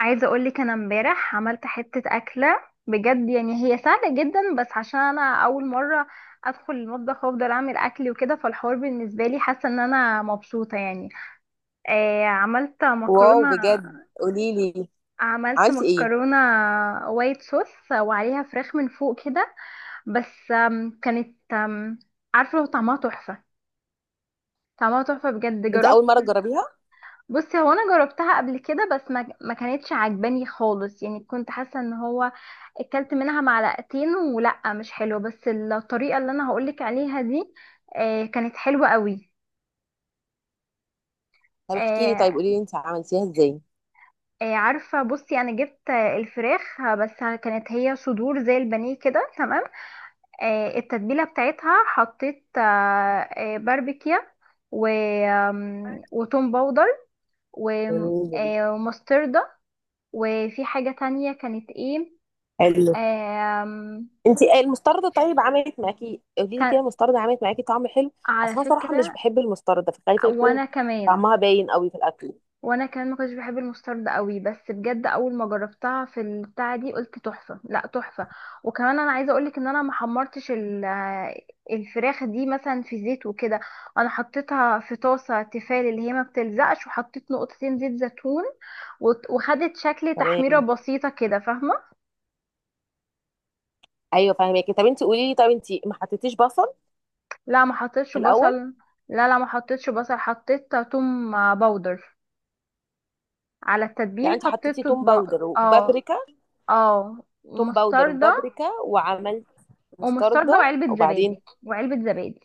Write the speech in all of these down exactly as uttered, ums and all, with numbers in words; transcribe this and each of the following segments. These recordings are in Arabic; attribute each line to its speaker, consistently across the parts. Speaker 1: عايزه اقول لك انا امبارح عملت حته اكله بجد. يعني هي سهله جدا، بس عشان انا اول مره ادخل المطبخ وافضل اعمل اكل وكده، فالحوار بالنسبه لي حاسه ان انا مبسوطه يعني. آه، عملت
Speaker 2: واو،
Speaker 1: مكرونه.
Speaker 2: بجد قولي لي.
Speaker 1: عملت
Speaker 2: عملتي ايه؟
Speaker 1: مكرونه وايت صوص وعليها فراخ من فوق كده. بس آم، كانت آم، عارفه لو طعمها تحفه؟ طعمها تحفه بجد،
Speaker 2: انت اول
Speaker 1: جربت.
Speaker 2: مره تجربيها؟
Speaker 1: بصي، هو انا جربتها قبل كده بس ما ما كانتش عجباني خالص، يعني كنت حاسه ان هو اكلت منها معلقتين ولا مش حلو، بس الطريقه اللي انا هقولك عليها دي آه، كانت حلوه قوي.
Speaker 2: طب احكي لي، طيب
Speaker 1: آه،
Speaker 2: قولي لي انت عملتيها ازاي؟
Speaker 1: آه، عارفه، بصي انا جبت آه، الفراخ آه، بس كانت هي صدور زي البانيه كده، تمام. آه، التتبيله بتاعتها حطيت آه، آه، باربيكيا، و آم، وتوم باودر، و-
Speaker 2: جميل.
Speaker 1: آه، ومستردة. وفي حاجة تانية كانت ايه؟
Speaker 2: حلو.
Speaker 1: آم،
Speaker 2: انت المستردة طيب، عملت معاكي؟ قولي لي
Speaker 1: كان.
Speaker 2: كده، المستردة عملت معاكي طعم حلو؟
Speaker 1: على
Speaker 2: اصل انا صراحه مش
Speaker 1: فكرة.
Speaker 2: بحب المستردة، فخايفه
Speaker 1: وانا
Speaker 2: يكون
Speaker 1: كمان.
Speaker 2: طعمها باين قوي في الاكل.
Speaker 1: وانا كمان ما كنتش بحب المسترد قوي، بس بجد اول ما جربتها في البتاعة دي قلت تحفة، لا تحفة. وكمان انا عايزة اقولك ان انا ما حمرتش ال- الفراخ دي مثلا في زيت وكده. انا حطيتها في طاسة تيفال اللي هي ما بتلزقش، وحطيت نقطتين زيت زيتون، وت- وخدت شكل تحميرة
Speaker 2: تمام.
Speaker 1: بسيطة كده، فاهمة؟
Speaker 2: ايوه فاهمك، طب انت قولي لي، طب انت ما حطيتيش بصل
Speaker 1: لا، ما حطيتش
Speaker 2: في
Speaker 1: بصل.
Speaker 2: الاول؟
Speaker 1: لا لا، ما حطيتش بصل، حطيت توم باودر. على
Speaker 2: يعني
Speaker 1: التتبيل
Speaker 2: انت
Speaker 1: حطيت
Speaker 2: حطيتي توم
Speaker 1: طب-
Speaker 2: باودر
Speaker 1: اه.
Speaker 2: وبابريكا؟
Speaker 1: اه،
Speaker 2: توم باودر
Speaker 1: ومستردة.
Speaker 2: وبابريكا، وعملت
Speaker 1: ومستردة
Speaker 2: مستردة
Speaker 1: وعلبة
Speaker 2: وبعدين؟
Speaker 1: زبادي. وعلبة زبادي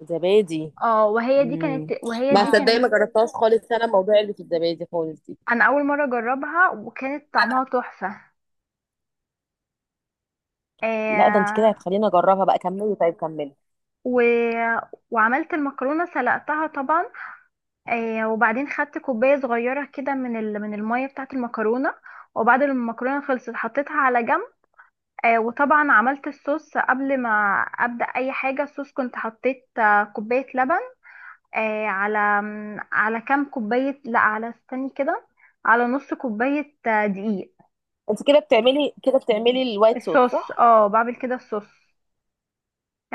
Speaker 2: زبادي.
Speaker 1: اه، وهي دي كانت
Speaker 2: امم
Speaker 1: وهي
Speaker 2: ما
Speaker 1: دي
Speaker 2: اه صدقني،
Speaker 1: كانت.
Speaker 2: ما جربتهاش خالص، انا الموضوع اللي في الزبادي خالص دي.
Speaker 1: انا اول مرة اجربها وكانت
Speaker 2: انا
Speaker 1: طعمها تحفة.
Speaker 2: لا، ده انت كده
Speaker 1: آه.
Speaker 2: هتخليني اجربها بقى. كملي، طيب كملي.
Speaker 1: و... وعملت المكرونة، سلقتها طبعا. آه، وبعدين خدت كوباية صغيرة كده من ال... من المية بتاعة المكرونة، وبعد ما المكرونة خلصت حطيتها على جنب. آه، وطبعا عملت الصوص قبل ما ابدأ اي حاجة. الصوص كنت حطيت آه، كوباية لبن آه، على على كام كوباية لا على استني كده، على نص كوباية آه، دقيق.
Speaker 2: انت كده بتعملي كده بتعملي الوايت صوص،
Speaker 1: الصوص،
Speaker 2: صح؟
Speaker 1: اه بعمل كده الصوص.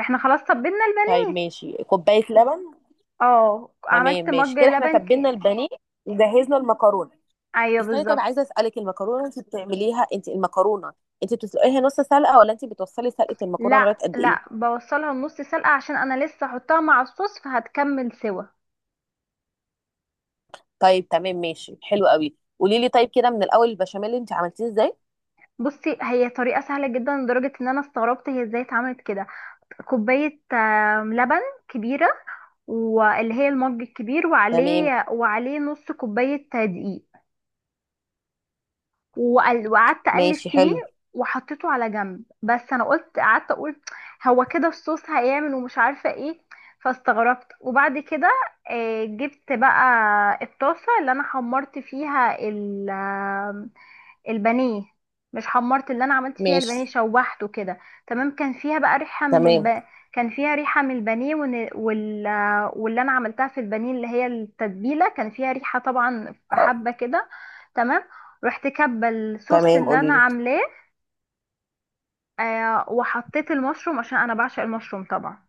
Speaker 1: احنا خلاص طبينا
Speaker 2: طيب
Speaker 1: البانيه.
Speaker 2: ماشي، كوبايه لبن.
Speaker 1: اه،
Speaker 2: تمام
Speaker 1: عملت
Speaker 2: ماشي
Speaker 1: مج
Speaker 2: كده، احنا
Speaker 1: لبن ك...
Speaker 2: تبلنا البانيه وجهزنا المكرونه.
Speaker 1: ايوه
Speaker 2: استني، طيب
Speaker 1: بالظبط.
Speaker 2: عايزه اسالك، المكرونه انت بتعمليها انت المكرونه انت بتسلقيها نص سلقه ولا انت بتوصلي سلقه المكرونه
Speaker 1: لا
Speaker 2: لغايه قد ايه؟
Speaker 1: لا بوصلها النص سلقة عشان انا لسه احطها مع الصوص فهتكمل سوا.
Speaker 2: طيب تمام ماشي، حلو قوي، قولي لي طيب، كده من الاول، البشاميل انت عملتيه ازاي؟
Speaker 1: بصي، هي طريقة سهلة جدا لدرجة ان انا استغربت هي ازاي اتعملت كده. كوباية آه، لبن كبيرة، واللي هي المج الكبير،
Speaker 2: تمام.
Speaker 1: وعليه وعليه نص كوباية دقيق. وقل- وقعدت اقلب
Speaker 2: ماشي،
Speaker 1: فيه،
Speaker 2: حلو.
Speaker 1: وحطيته على جنب. بس انا قلت، قعدت اقول هو كده الصوص هيعمل، ومش عارفه ايه، فاستغربت. وبعد كده آه، جبت بقى الطاسه اللي انا حمرت فيها ال- البانيه. مش حمرت، اللي انا عملت فيها
Speaker 2: ماشي.
Speaker 1: البانيه، شوحته كده. تمام، كان فيها بقى ريحه من
Speaker 2: تمام.
Speaker 1: الب... كان فيها ريحه من البانيه ون... وال... واللي انا عملتها في البانيه اللي هي التتبيله كان فيها ريحه طبعا، في
Speaker 2: اه،
Speaker 1: حبه كده. تمام، رحت كبه الصوص
Speaker 2: تمام
Speaker 1: اللي
Speaker 2: قولي
Speaker 1: انا
Speaker 2: لي.
Speaker 1: عاملاه. آه، وحطيت المشروم عشان انا بعشق المشروم طبعا.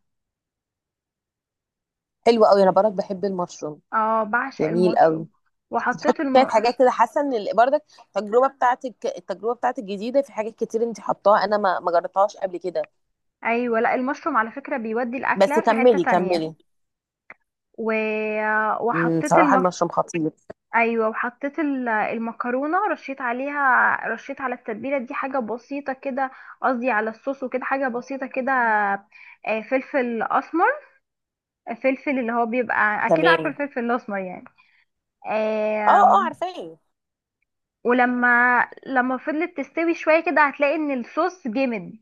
Speaker 2: حلو قوي، انا برضك بحب المشروم.
Speaker 1: اه، بعشق
Speaker 2: جميل قوي.
Speaker 1: المشروم. وحطيت
Speaker 2: كانت
Speaker 1: الم...
Speaker 2: حاجات كده، حاسه ان ال- برضك التجربه بتاعتك التجربه بتاعتك جديده في حاجات كتير انت حطاها، انا ما ما جربتهاش قبل كده.
Speaker 1: ايوه. لا، المشروم على فكره بيودي
Speaker 2: بس
Speaker 1: الاكله في حته
Speaker 2: كملي
Speaker 1: تانية.
Speaker 2: كملي.
Speaker 1: و...
Speaker 2: امم
Speaker 1: وحطيت
Speaker 2: صراحه
Speaker 1: المك...
Speaker 2: المشروم خطير.
Speaker 1: ايوه، وحطيت ال- المكرونه، رشيت عليها رشيت على التتبيله دي حاجه بسيطه كده، قصدي على الصوص، وكده حاجه بسيطه كده. آه، فلفل اسمر، فلفل اللي هو بيبقى اكيد عارفه
Speaker 2: تمام.
Speaker 1: الفلفل الاسمر يعني.
Speaker 2: اه، اه،
Speaker 1: آم،
Speaker 2: عارفاه.
Speaker 1: ولما لما فضلت تستوي شويه كده هتلاقي ان الصوص جمد.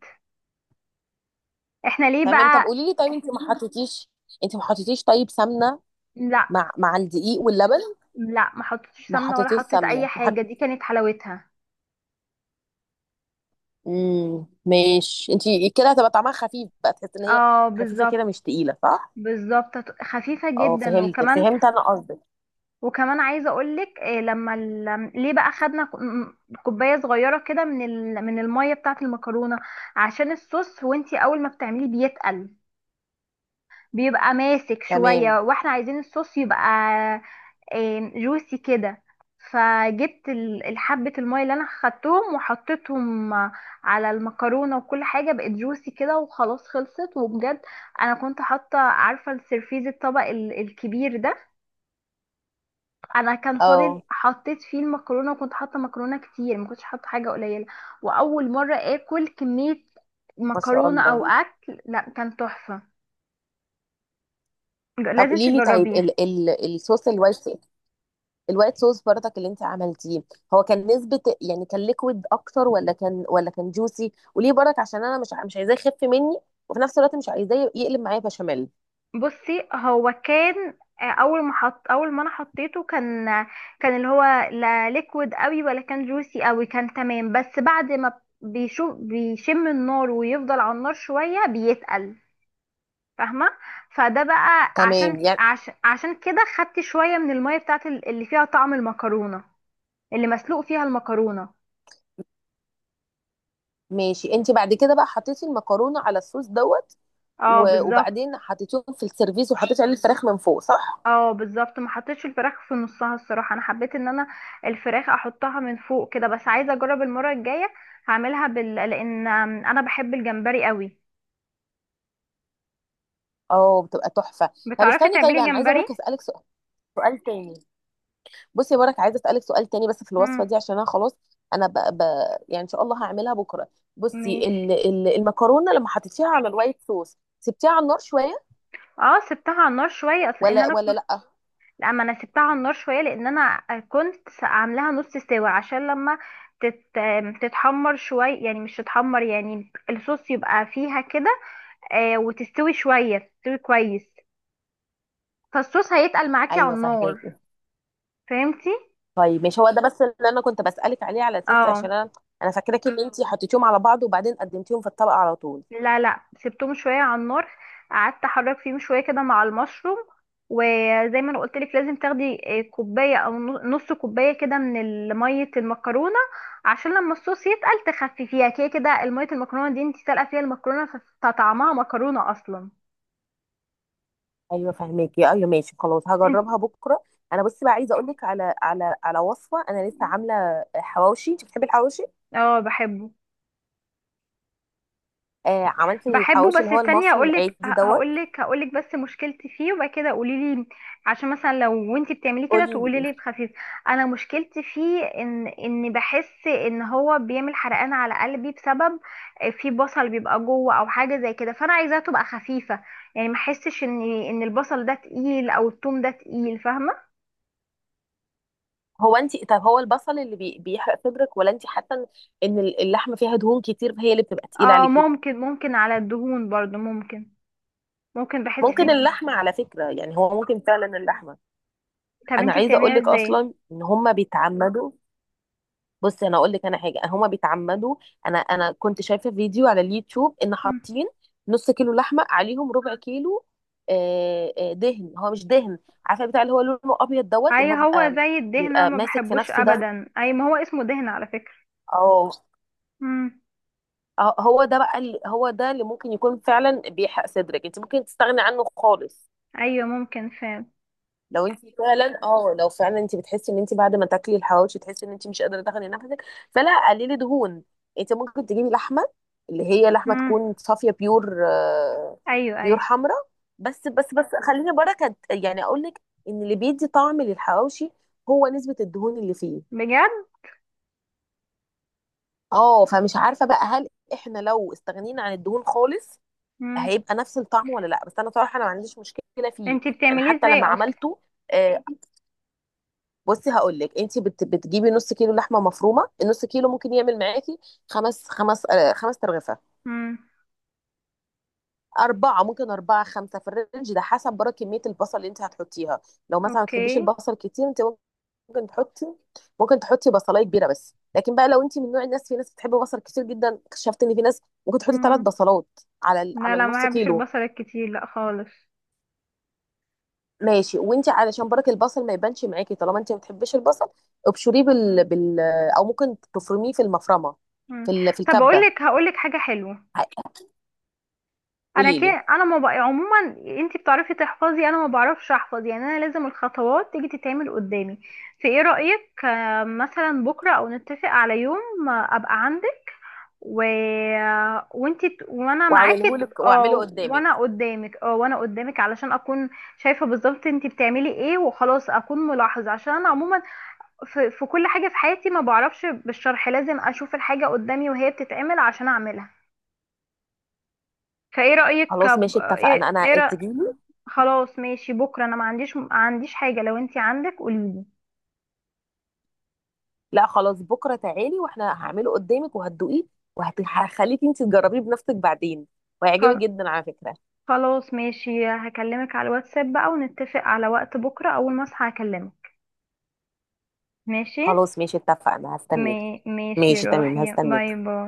Speaker 1: احنا ليه
Speaker 2: تمام، طب
Speaker 1: بقى؟
Speaker 2: قولي لي، طيب انت ما حطيتيش انت ما حطيتيش طيب سمنه
Speaker 1: لا
Speaker 2: مع مع الدقيق واللبن؟
Speaker 1: لا ما حطيتش
Speaker 2: ما
Speaker 1: سمنه ولا
Speaker 2: حطيتيش
Speaker 1: حطيت اي
Speaker 2: سمنه، ما حط...
Speaker 1: حاجه، دي كانت حلاوتها.
Speaker 2: امم ماشي. انت كده هتبقى طعمها خفيف بقى، تحس ان هي
Speaker 1: اه
Speaker 2: خفيفه كده،
Speaker 1: بالظبط.
Speaker 2: مش تقيله، صح؟
Speaker 1: بالظبط، خفيفة
Speaker 2: اه،
Speaker 1: جدا.
Speaker 2: فهمت
Speaker 1: وكمان،
Speaker 2: فهمت انا قصدك.
Speaker 1: وكمان عايزه اقولك إيه، لما ال... ليه بقى خدنا ك- م- كوبايه صغيره كده من ال... من الميه بتاعه المكرونه، عشان الصوص وانتي اول ما بتعمليه بيتقل، بيبقى ماسك
Speaker 2: تمام.
Speaker 1: شويه، واحنا عايزين الصوص يبقى إيه، جوسي كده. فجبت ال- الحبه الميه اللي انا خدتهم وحطيتهم على المكرونه، وكل حاجه بقت جوسي كده، وخلاص خلصت وبجد. انا كنت حاطه، عارفه السرفيز الطبق ال- الكبير ده، انا كان فاضل
Speaker 2: اه.
Speaker 1: حطيت فيه المكرونه، وكنت حاطه مكرونه كتير، ما كنتش حاطه حاجه قليله. واول مره اكل كميه
Speaker 2: ما شاء
Speaker 1: مكرونه او
Speaker 2: الله.
Speaker 1: اكل، لا كان تحفه. ج-
Speaker 2: طب
Speaker 1: لازم
Speaker 2: قولي لي، طيب
Speaker 1: تجربيه.
Speaker 2: ال ال الصوص الوايت الوايت صوص برضك اللي انت عملتيه، هو كان نسبة، يعني كان ليكويد اكتر ولا كان ولا كان جوسي؟ وليه برضك؟ عشان انا مش مش عايزاه يخف مني، وفي نفس الوقت مش عايزاه يقلب معايا بشاميل.
Speaker 1: بصي، هو كان آه، اول ما حط اول ما انا حطيته كان آه، كان اللي هو لا ليكويد قوي ولا كان جوسي قوي، كان تمام. بس بعد ما بيشوف، بيشم النار ويفضل على النار شويه، بيتقل، فاهمه؟ فده بقى عشان
Speaker 2: تمام، يعني.
Speaker 1: عشان عشان كده خدت شويه من الميه بتاعت ال- اللي فيها طعم المكرونه، اللي مسلوق فيها المكرونه.
Speaker 2: ماشي، انت بعد كده بقى حطيتي المكرونة على الصوص، دوت؟
Speaker 1: اه
Speaker 2: و-
Speaker 1: بالظبط.
Speaker 2: وبعدين حطيتيهم في السيرفيس وحطيتي عليه الفراخ من فوق، صح؟
Speaker 1: اه بالظبط، ما حطيتش الفراخ في نصها الصراحه، انا حبيت ان انا الفراخ احطها من فوق كده. بس عايزه اجرب المره الجايه هعملها بال... لان انا بحب الجمبري قوي.
Speaker 2: اه، بتبقى تحفة. طب
Speaker 1: بتعرفي
Speaker 2: استني، طيب
Speaker 1: تعملي
Speaker 2: انا عايزة برضك
Speaker 1: جمبري؟
Speaker 2: اسألك سؤال سؤال تاني. بصي يا برك، عايزه اسالك سؤال تاني بس في الوصفه
Speaker 1: امم،
Speaker 2: دي، عشان انا خلاص، انا ب... ب... يعني ان شاء الله هعملها بكره. بصي ال...
Speaker 1: ماشي.
Speaker 2: ال... المكرونه لما حطيتيها على الوايت صوص سبتيها على النار شويه؟
Speaker 1: اه، سبتها على النار شويه، اصل ان
Speaker 2: ولا
Speaker 1: انا،
Speaker 2: ولا لا.
Speaker 1: لا، ما انا سبتها على النار شويه لان انا كنت عاملاها نص سوا، عشان لما تت... تتحمر شويه، يعني مش تتحمر يعني، الصوص يبقى فيها كده. آه، وتستوي شويه، تستوي كويس، فالصوص هيتقل معاكي على
Speaker 2: ايوه فهمك.
Speaker 1: النار. فهمتي؟
Speaker 2: طيب مش هو ده بس اللي انا كنت بسالك عليه، على اساس
Speaker 1: اه.
Speaker 2: عشان انا انا فاكراكي ان انت حطيتيهم على بعض وبعدين قدمتيهم في الطبق على طول.
Speaker 1: لا لا، سبتهم شويه على النار، قعدت احرك فيهم شويه كده مع المشروم. وزي ما انا قلت لك، لازم تاخدي آه، كوبايه او نو- نص كوبايه كده من ال- ميه المكرونه، عشان لما الصوص يتقل تخففيها كده كده. الميه المكرونه دي انت سالقه فيها المكرونه، فطعمها مكرونه اصلا.
Speaker 2: ايوه فهماكي، ايوه ماشي، خلاص هجربها
Speaker 1: انت.
Speaker 2: بكره. انا بصي بقى عايزه اقول لك على على على وصفه، انا لسه عامله حواوشي، انت بتحبي الحواوشي؟
Speaker 1: اه بحبه.
Speaker 2: آه، عملت
Speaker 1: بحبه،
Speaker 2: الحواوشي اللي
Speaker 1: بس
Speaker 2: هو
Speaker 1: استني
Speaker 2: المصري
Speaker 1: هقولك ه-
Speaker 2: العادي، دوت.
Speaker 1: هقولك هقولك بس مشكلتي فيه وبعد كده قولي لي، عشان مثلا لو وانتي بتعمليه كده
Speaker 2: قولي
Speaker 1: تقولي
Speaker 2: لي.
Speaker 1: لي بخفيف. انا مشكلتي فيه ان ان بحس ان هو بيعمل حرقان على قلبي، بسبب آه، في بصل بيبقى جوه او حاجه زي كده، فانا عايزاها تبقى خفيفه، يعني ما احسش ان ان البصل ده تقيل او التوم ده تقيل، فاهمه؟
Speaker 2: هو انت طب هو البصل اللي بي... بيحرق صدرك، ولا انت حاسه ان إن اللحمه فيها دهون كتير هي اللي بتبقى تقيله
Speaker 1: اه
Speaker 2: عليكي؟
Speaker 1: ممكن، ممكن على الدهون برضو ممكن، ممكن بحس
Speaker 2: ممكن
Speaker 1: فيه.
Speaker 2: اللحمه على فكره، يعني هو ممكن فعلا اللحمه.
Speaker 1: طب
Speaker 2: انا
Speaker 1: انتي
Speaker 2: عايزه اقول
Speaker 1: بتعمليها
Speaker 2: لك
Speaker 1: ازاي؟
Speaker 2: اصلا ان هم بيتعمدوا. بصي انا اقول لك، انا حاجه هم بيتعمدوا. انا انا كنت شايفه فيديو على اليوتيوب ان حاطين نص كيلو لحمه عليهم ربع كيلو، آه، آه، دهن، هو مش دهن. عارفه بتاع اللي هو لونه ابيض، دوت، اللي
Speaker 1: اي
Speaker 2: هو
Speaker 1: هو
Speaker 2: بيبقى
Speaker 1: زي الدهنة،
Speaker 2: بيبقى
Speaker 1: ما
Speaker 2: ماسك في
Speaker 1: بحبوش
Speaker 2: نفسه ده.
Speaker 1: ابدا. اي، ما هو اسمه دهنة على فكرة.
Speaker 2: اه.
Speaker 1: مم.
Speaker 2: اه، هو ده بقى، اللي هو ده اللي ممكن يكون فعلا بيحرق صدرك، انت ممكن تستغني عنه خالص.
Speaker 1: ايوه ممكن فعلا.
Speaker 2: لو انت فعلا اه لو فعلا انت بتحسي ان انت بعد ما تاكلي الحواوشي، تحسي ان انت مش قادره تاخدي نفسك. فلا، قللي دهون. انت ممكن تجيبي لحمه، اللي هي لحمه
Speaker 1: مم.
Speaker 2: تكون صافيه، بيور آه،
Speaker 1: ايوه
Speaker 2: بيور
Speaker 1: ايوه.
Speaker 2: حمراء. بس بس بس خليني بركه، يعني اقول لك ان اللي بيدي طعم للحواوشي هو نسبه الدهون اللي فيه.
Speaker 1: بجد.
Speaker 2: اه، فمش عارفه بقى، هل احنا لو استغنينا عن الدهون خالص
Speaker 1: مم.
Speaker 2: هيبقى نفس الطعم ولا لا؟ بس انا صراحه انا ما عنديش مشكله فيه.
Speaker 1: انتي
Speaker 2: يعني
Speaker 1: بتعمليه
Speaker 2: حتى
Speaker 1: ازاي
Speaker 2: لما
Speaker 1: اصلا؟
Speaker 2: عملته، آه، بصي هقول لك، انت بت بتجيبي نص كيلو لحمه مفرومه، النص كيلو ممكن يعمل معاكي خمس خمس آه، خمس ترغفه.
Speaker 1: مم.
Speaker 2: اربعه، ممكن اربعه خمسه، في الرينج ده حسب بره كميه البصل اللي انت هتحطيها. لو مثلا ما
Speaker 1: اوكي.
Speaker 2: تحبيش البصل كتير، انت ممكن تحطي ممكن تحطي بصلايه كبيره، بس لكن بقى لو انت من نوع الناس، في ناس بتحب بصل كتير جدا، اكتشفت ان في ناس ممكن تحطي ثلاث
Speaker 1: مم.
Speaker 2: بصلات على ال-
Speaker 1: لا
Speaker 2: على
Speaker 1: لا
Speaker 2: النص
Speaker 1: ما بحبش
Speaker 2: كيلو.
Speaker 1: البصل الكتير، لا خالص.
Speaker 2: ماشي، وانت علشان برك البصل ما يبانش معاكي طالما انت ما بتحبيش البصل، ابشريه
Speaker 1: مم.
Speaker 2: بال... بال او ممكن تفرميه في المفرمه،
Speaker 1: مم.
Speaker 2: في ال... في
Speaker 1: طب اقول
Speaker 2: الكبه.
Speaker 1: لك، هقول لك حاجة حلوة. انا
Speaker 2: قولي لي.
Speaker 1: كده انا ما بقى عموما، انتي بتعرفي تحفظي، انا ما بعرفش احفظ يعني، انا لازم الخطوات تيجي تتعمل قدامي. في ايه رأيك آه، مثلا بكرة او نتفق على يوم آه، ابقى عندك، و... وانت، وانا معاكي
Speaker 2: واعمله
Speaker 1: ت-
Speaker 2: لك، واعمله
Speaker 1: اه وانا
Speaker 2: قدامك.
Speaker 1: قدامك. اه وانا قدامك، علشان اكون شايفه بالظبط انت بتعملي ايه وخلاص، اكون ملاحظه، عشان انا عموما في... في كل حاجه في حياتي ما بعرفش بالشرح، لازم اشوف الحاجه قدامي وهي بتتعمل عشان اعملها. فايه رايك
Speaker 2: خلاص
Speaker 1: ب-
Speaker 2: ماشي اتفقنا،
Speaker 1: ايه, إيه
Speaker 2: انا
Speaker 1: رأ...
Speaker 2: تجيلي.
Speaker 1: خلاص ماشي، بكره انا ما عنديش، ما عنديش حاجه، لو انت عندك قوليلي.
Speaker 2: لا خلاص، بكره تعالي واحنا هعمله قدامك وهتدوقيه، وهخليكي انت تجربيه بنفسك بعدين،
Speaker 1: خل...
Speaker 2: وهيعجبك جدا على فكره.
Speaker 1: خلاص ماشي، هكلمك على الواتساب بقى ونتفق على وقت بكره، اول ما اصحى هكلمك. ماشي.
Speaker 2: خلاص ماشي اتفقنا،
Speaker 1: مي...
Speaker 2: هستنيك.
Speaker 1: ماشي،
Speaker 2: ماشي تمام،
Speaker 1: روحي، باي
Speaker 2: هستنيك.
Speaker 1: باي.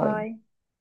Speaker 1: باي